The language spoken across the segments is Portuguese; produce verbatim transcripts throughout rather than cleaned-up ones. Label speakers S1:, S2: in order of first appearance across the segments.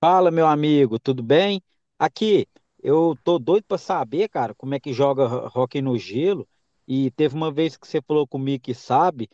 S1: Fala, meu amigo, tudo bem? Aqui, eu tô doido pra saber, cara, como é que joga ho- hóquei no gelo. E teve uma vez que você falou comigo que sabe.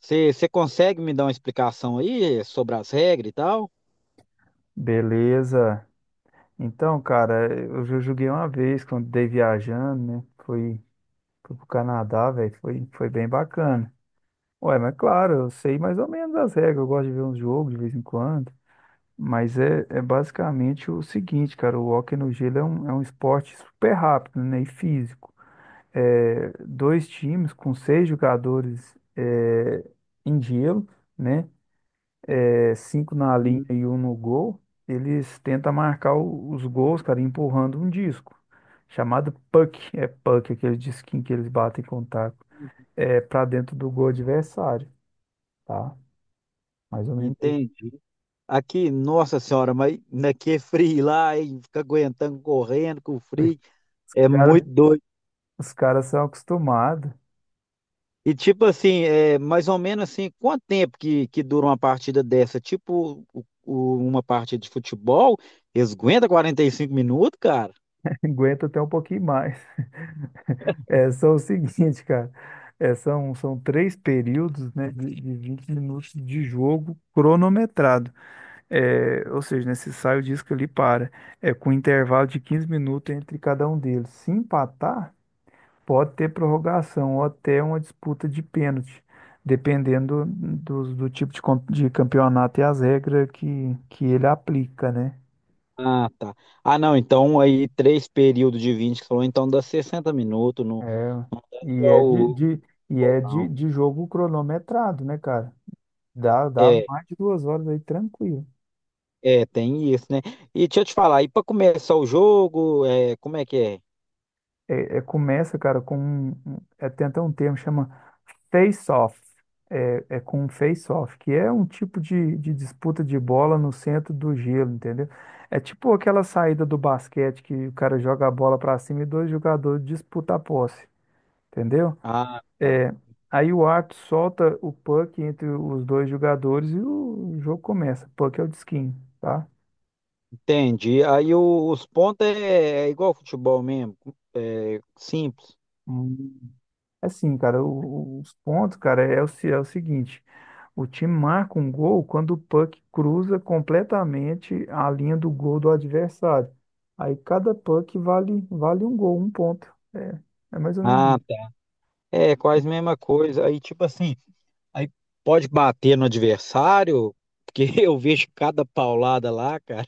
S1: Você você consegue me dar uma explicação aí eh, sobre as regras e tal?
S2: Beleza. Então, cara, eu já joguei uma vez quando dei viajando, né? Fui, fui pro Canadá, velho. Foi, foi bem bacana. Ué, mas claro, eu sei mais ou menos as regras. Eu gosto de ver uns jogos de vez em quando. Mas é, é basicamente o seguinte, cara. O hóquei no gelo é um, é um esporte super rápido, né? E físico. É, dois times com seis jogadores é, em gelo, né? É, cinco na linha
S1: Hum.
S2: e um no gol, eles tentam marcar o- os gols, cara, empurrando um disco, chamado puck. É puck, aquele disquinho que eles batem com o taco, é, para dentro do gol adversário, tá? Mais ou menos isso.
S1: Entende? Aqui, nossa senhora, mas naquele frio lá, hein, fica aguentando correndo com o frio,
S2: Os
S1: é muito
S2: cara-
S1: doido.
S2: os caras são acostumados.
S1: E tipo assim, é, mais ou menos assim, quanto tempo que, que dura uma partida dessa? Tipo o- o- uma partida de futebol, eles aguentam quarenta e cinco minutos, cara?
S2: Aguenta até um pouquinho mais. É, são o seguinte, cara. É, são, são três períodos, né, de, de vinte minutos de jogo cronometrado. É, ou seja, né, se sai o disco ali para, é, com um intervalo de quinze minutos entre cada um deles. Se empatar, pode ter prorrogação ou até uma disputa de pênalti, dependendo do, do tipo de, com- de campeonato e as regras que, que ele aplica, né?
S1: Ah, tá. Ah, não, então aí três períodos de vinte, que você falou, então dá sessenta minutos, não
S2: É, e é
S1: igual
S2: de,
S1: o-
S2: de- e é de,
S1: não.
S2: de jogo cronometrado, né, cara? Dá, dá
S1: É,
S2: mais de duas horas aí tranquilo.
S1: é, tem isso, né? E deixa eu te falar, e pra começar o jogo, é, como é que é?
S2: É, é, começa, cara, com um, um- é, tem até um termo que chama face-off. É, é com um face-off, que é um tipo de, de disputa de bola no centro do gelo, entendeu? É tipo aquela saída do basquete que o cara joga a bola para cima e dois jogadores disputam a posse, entendeu?
S1: Ah, tá.
S2: É, Aí o árbitro solta o puck entre os dois jogadores e o jogo começa. Puck é o de skin, tá?
S1: Entendi. Aí o- os pontos é, é igual ao futebol mesmo, é simples.
S2: Assim, cara, o- os pontos, cara, é o, se- é o seguinte: o time marca um gol quando o puck cruza completamente a linha do gol do adversário. Aí cada puck vale, vale um gol, um ponto. É, é mais ou menos
S1: Ah,
S2: isso.
S1: é, quase mesma coisa. Aí, tipo assim, aí pode bater no adversário, porque eu vejo cada paulada lá, cara.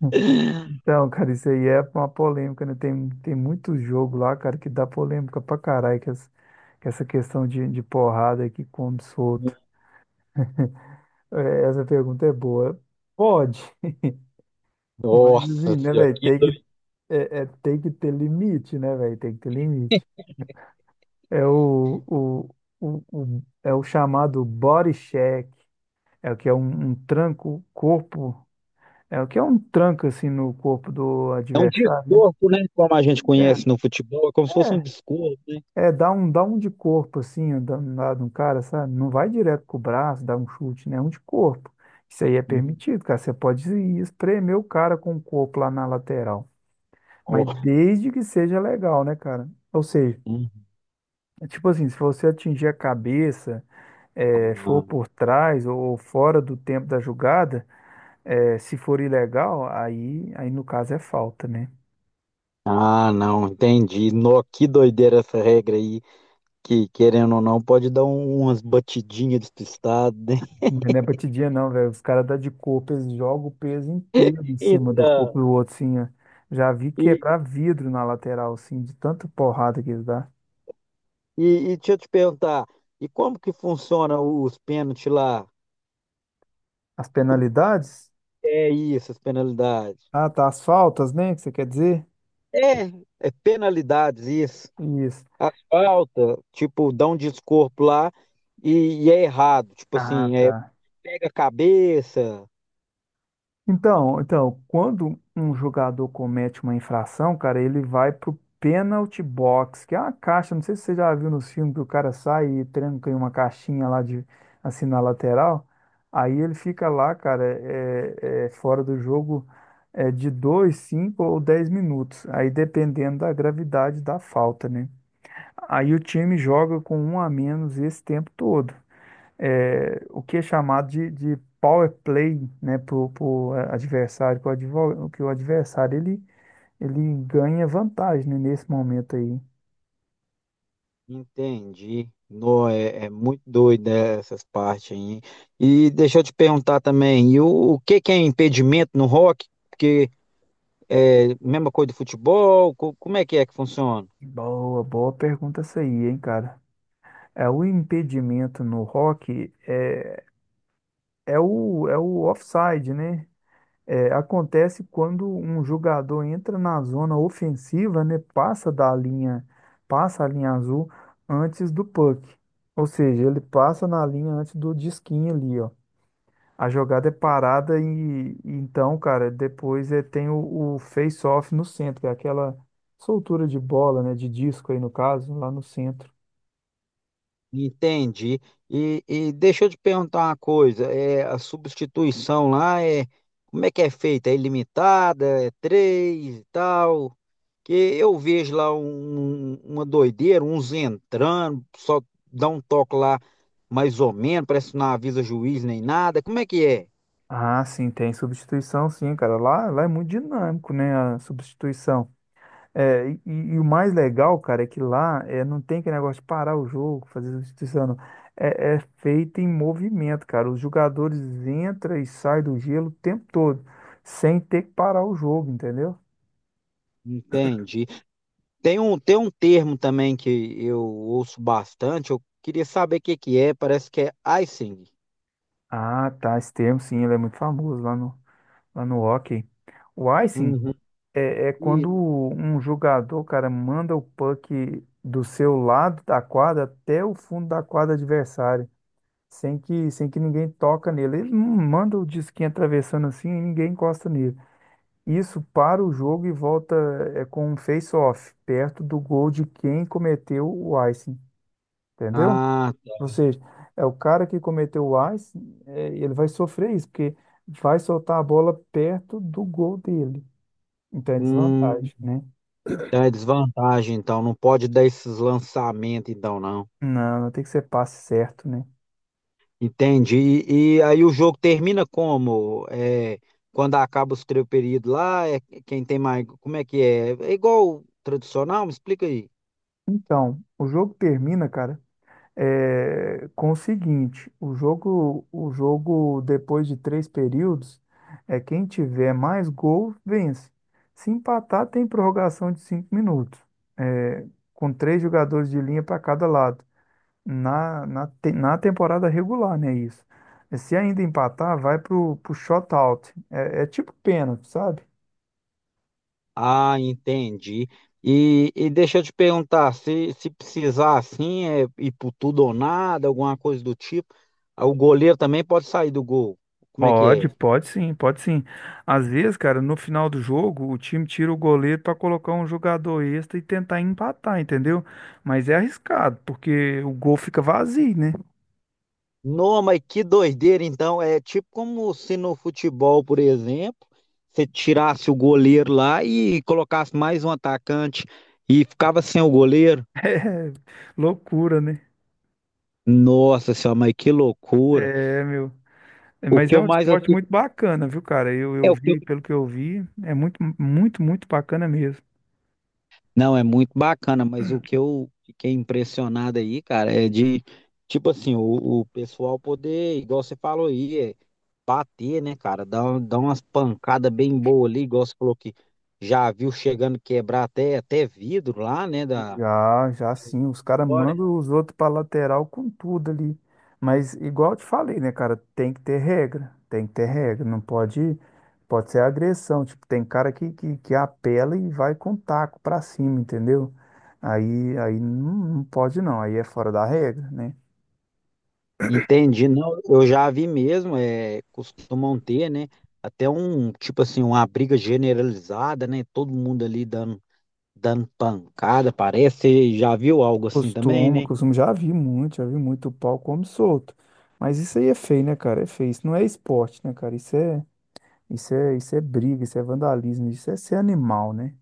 S2: Então, cara, isso aí é uma polêmica, né? Tem, tem muito jogo lá, cara, que dá polêmica pra caralho, que, essa que essa questão de, de porrada que come solto. É, essa pergunta é boa. Pode. Mas
S1: Nossa
S2: assim, né,
S1: senhora,
S2: velho?
S1: que
S2: Tem que,
S1: doido.
S2: é, é- tem que ter limite, né, velho? Tem que ter limite. É o, o, o, o- é o chamado body check, é o que é um, um tranco corpo, é o que é um tranco assim no corpo do
S1: É um
S2: adversário, né?
S1: descorpo, né? Como a gente conhece no futebol, é como se
S2: É,
S1: fosse um descorpo, né?
S2: é, É dar um, dar um de corpo assim, dar um lado no cara, sabe? Não vai direto com o braço, dar um chute, né? É um de corpo. Isso aí é
S1: Hum,
S2: permitido, cara. Você pode espremer o cara com o corpo lá na lateral.
S1: ó,
S2: Mas desde que seja legal, né, cara? Ou seja,
S1: hum,
S2: é tipo assim, se você atingir a cabeça, é, for por trás ou fora do tempo da jogada, é, se for ilegal, aí, aí no caso é falta, né?
S1: ah, não, entendi. No, que doideira essa regra aí, que querendo ou não, pode dar um- umas batidinhas despistadas, né?
S2: Mas não é batidinha não, velho. Os caras dão de corpo, eles jogam o peso inteiro em cima do
S1: Eita,
S2: corpo do outro, assim, ó. Já vi
S1: e,
S2: quebrar vidro na lateral, assim, de tanta porrada que eles dão.
S1: e, e deixa eu te perguntar, e como que funciona os pênaltis lá?
S2: As penalidades?
S1: É isso, as penalidades.
S2: Ah, tá, as faltas, né, que você quer dizer?
S1: É, é penalidades, isso.
S2: Isso.
S1: A falta, tipo, dá um descorpo lá e, e é errado. Tipo
S2: Ah,
S1: assim, é,
S2: tá.
S1: pega a cabeça.
S2: Então, então, quando um jogador comete uma infração, cara, ele vai pro penalty box, que é uma caixa, não sei se você já viu nos filmes que o cara sai e tranca em uma caixinha lá de assim na lateral. Aí ele fica lá, cara, é, é, fora do jogo, é, de dois, cinco ou dez minutos. Aí dependendo da gravidade da falta, né? Aí o time joga com um a menos esse tempo todo, é, o que é chamado de, de power play, né, pro, pro adversário, que o, advo- que o adversário ele, ele ganha vantagem, né, nesse momento aí.
S1: Entendi. Não, é, é muito doido essas partes aí. E deixa eu te perguntar também, e o, o que que é impedimento no rock? Porque é mesma coisa do futebol, co- como é que é que funciona?
S2: Boa, boa pergunta essa aí, hein, cara. É, o impedimento no rock é, é o, é o offside, né? É, acontece quando um jogador entra na zona ofensiva, né? Passa da linha, passa a linha azul antes do puck. Ou seja, ele passa na linha antes do disquinho ali, ó. A jogada é parada e, e então, cara, depois é, tem o, o face-off no centro, que é aquela soltura de bola, né, de disco aí no caso, lá no centro.
S1: Entendi. E, e deixa eu te perguntar uma coisa, é, a substituição lá é como é que é feita? É ilimitada? É três e tal? Que eu vejo lá um- um, uma doideira, uns entrando, só dá um toque lá mais ou menos, parece que não avisa juiz nem nada. Como é que é?
S2: Ah, sim, tem substituição, sim, cara. Lá, lá é muito dinâmico, né, a substituição. É, e, e- e o mais legal, cara, é que lá é, não tem aquele negócio de parar o jogo, fazer substituição, não. É, é feito em movimento, cara. Os jogadores entram e saem do gelo o tempo todo, sem ter que parar o jogo, entendeu?
S1: Entendi. Tem um, tem um termo também que eu ouço bastante, eu queria saber o que que é, parece que é icing.
S2: Ah, tá. Esse termo, sim, ele é muito famoso lá no, lá no hockey. O icing
S1: Uhum.
S2: é, é quando
S1: E-
S2: um jogador, cara, manda o puck do seu lado da quadra até o fundo da quadra adversária, sem que, sem que ninguém toca nele. Ele não manda o disquinho atravessando assim e ninguém encosta nele. Isso para o jogo e volta é, com um face-off, perto do gol de quem cometeu o icing, entendeu?
S1: Ah,
S2: Ou seja, é o cara que cometeu o A I S, é, ele vai sofrer isso, porque vai soltar a bola perto do gol dele. Então é
S1: hum,
S2: desvantagem, né?
S1: então é desvantagem, então. Não pode dar esses lançamentos, então, não.
S2: Não, tem que ser passe certo, né?
S1: Entendi. E, e aí o jogo termina como? É, quando acaba os três períodos lá, é quem tem mais. Como é que é? É igual o tradicional? Me explica aí.
S2: Então, o jogo termina, cara, é, com o seguinte: o jogo, o jogo depois de três períodos, é quem tiver mais gol vence. Se empatar, tem prorrogação de cinco minutos, é, com três jogadores de linha para cada lado. Na, na, te- na temporada regular, né? Isso. Se ainda empatar, vai pro, pro shootout. É, é tipo pênalti, sabe?
S1: Ah, entendi. E, e deixa eu te perguntar, se, se precisar assim, é ir por tudo ou nada, alguma coisa do tipo, ah, o goleiro também pode sair do gol. Como é que
S2: Pode,
S1: é?
S2: pode sim, pode sim. Às vezes, cara, no final do jogo, o time tira o goleiro para colocar um jogador extra e tentar empatar, entendeu? Mas é arriscado, porque o gol fica vazio, né?
S1: Não, mas que doideira, então. É tipo como se no futebol, por exemplo, você tirasse o goleiro lá e colocasse mais um atacante e ficava sem o goleiro.
S2: É loucura, né?
S1: Nossa senhora, mas que loucura.
S2: É, meu. É,
S1: O
S2: mas
S1: que
S2: é
S1: eu
S2: um
S1: mais,
S2: esporte
S1: assi-
S2: muito bacana, viu, cara? Eu, eu
S1: é, o que,
S2: vi, pelo que eu vi, é muito, muito, muito bacana mesmo.
S1: não, é muito bacana, mas o que eu fiquei impressionado aí, cara, é de, tipo assim, o, o pessoal poder, igual você falou aí, é bater, né, cara? Dar, um- dar umas pancadas bem boas ali, igual você falou que já viu chegando quebrar até, até vidro lá, né? Da...
S2: Já, já sim, os caras
S1: fora.
S2: mandam os outros pra lateral com tudo ali. Mas igual eu te falei, né, cara, tem que ter regra, tem que ter regra, não pode, pode ser agressão, tipo, tem cara que, que, que apela e vai com taco pra cima, entendeu? Aí, aí não, não pode não, aí é fora da regra, né?
S1: Entendi, não, eu já vi mesmo, é, costumam ter, né? Até um, tipo assim, uma briga generalizada, né? Todo mundo ali dando, dando pancada, parece. Você já viu algo assim também,
S2: Costuma,
S1: né?
S2: costuma, já vi muito, já vi muito o pau como solto. Mas isso aí é feio, né, cara? É feio, isso não é esporte, né, cara? Isso é, isso é, isso é briga, isso é vandalismo, isso é ser animal, né?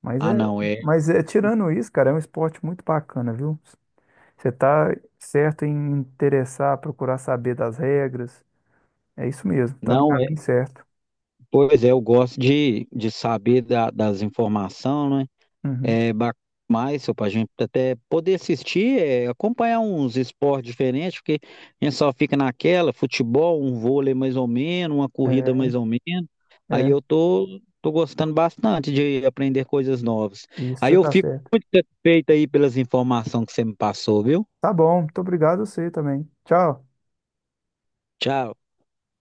S2: Mas
S1: Ah,
S2: é,
S1: não, é.
S2: mas é tirando isso, cara, é um esporte muito bacana, viu? Você tá certo em interessar, procurar saber das regras. É isso mesmo, tá no
S1: Não é.
S2: caminho certo.
S1: Pois é, eu gosto de, de saber da- das informações, né?
S2: Uhum.
S1: É ba- mais, só para a gente até poder assistir, é, acompanhar uns esportes diferentes, porque a gente só fica naquela, futebol, um vôlei mais ou menos, uma corrida mais ou menos.
S2: É,
S1: Aí
S2: é,
S1: eu tô, tô gostando bastante de aprender coisas novas.
S2: isso
S1: Aí
S2: você
S1: eu
S2: tá
S1: fico
S2: certo.
S1: feito aí pelas informações que você me passou, viu?
S2: Tá bom, muito obrigado a você também. Tchau.
S1: Tchau.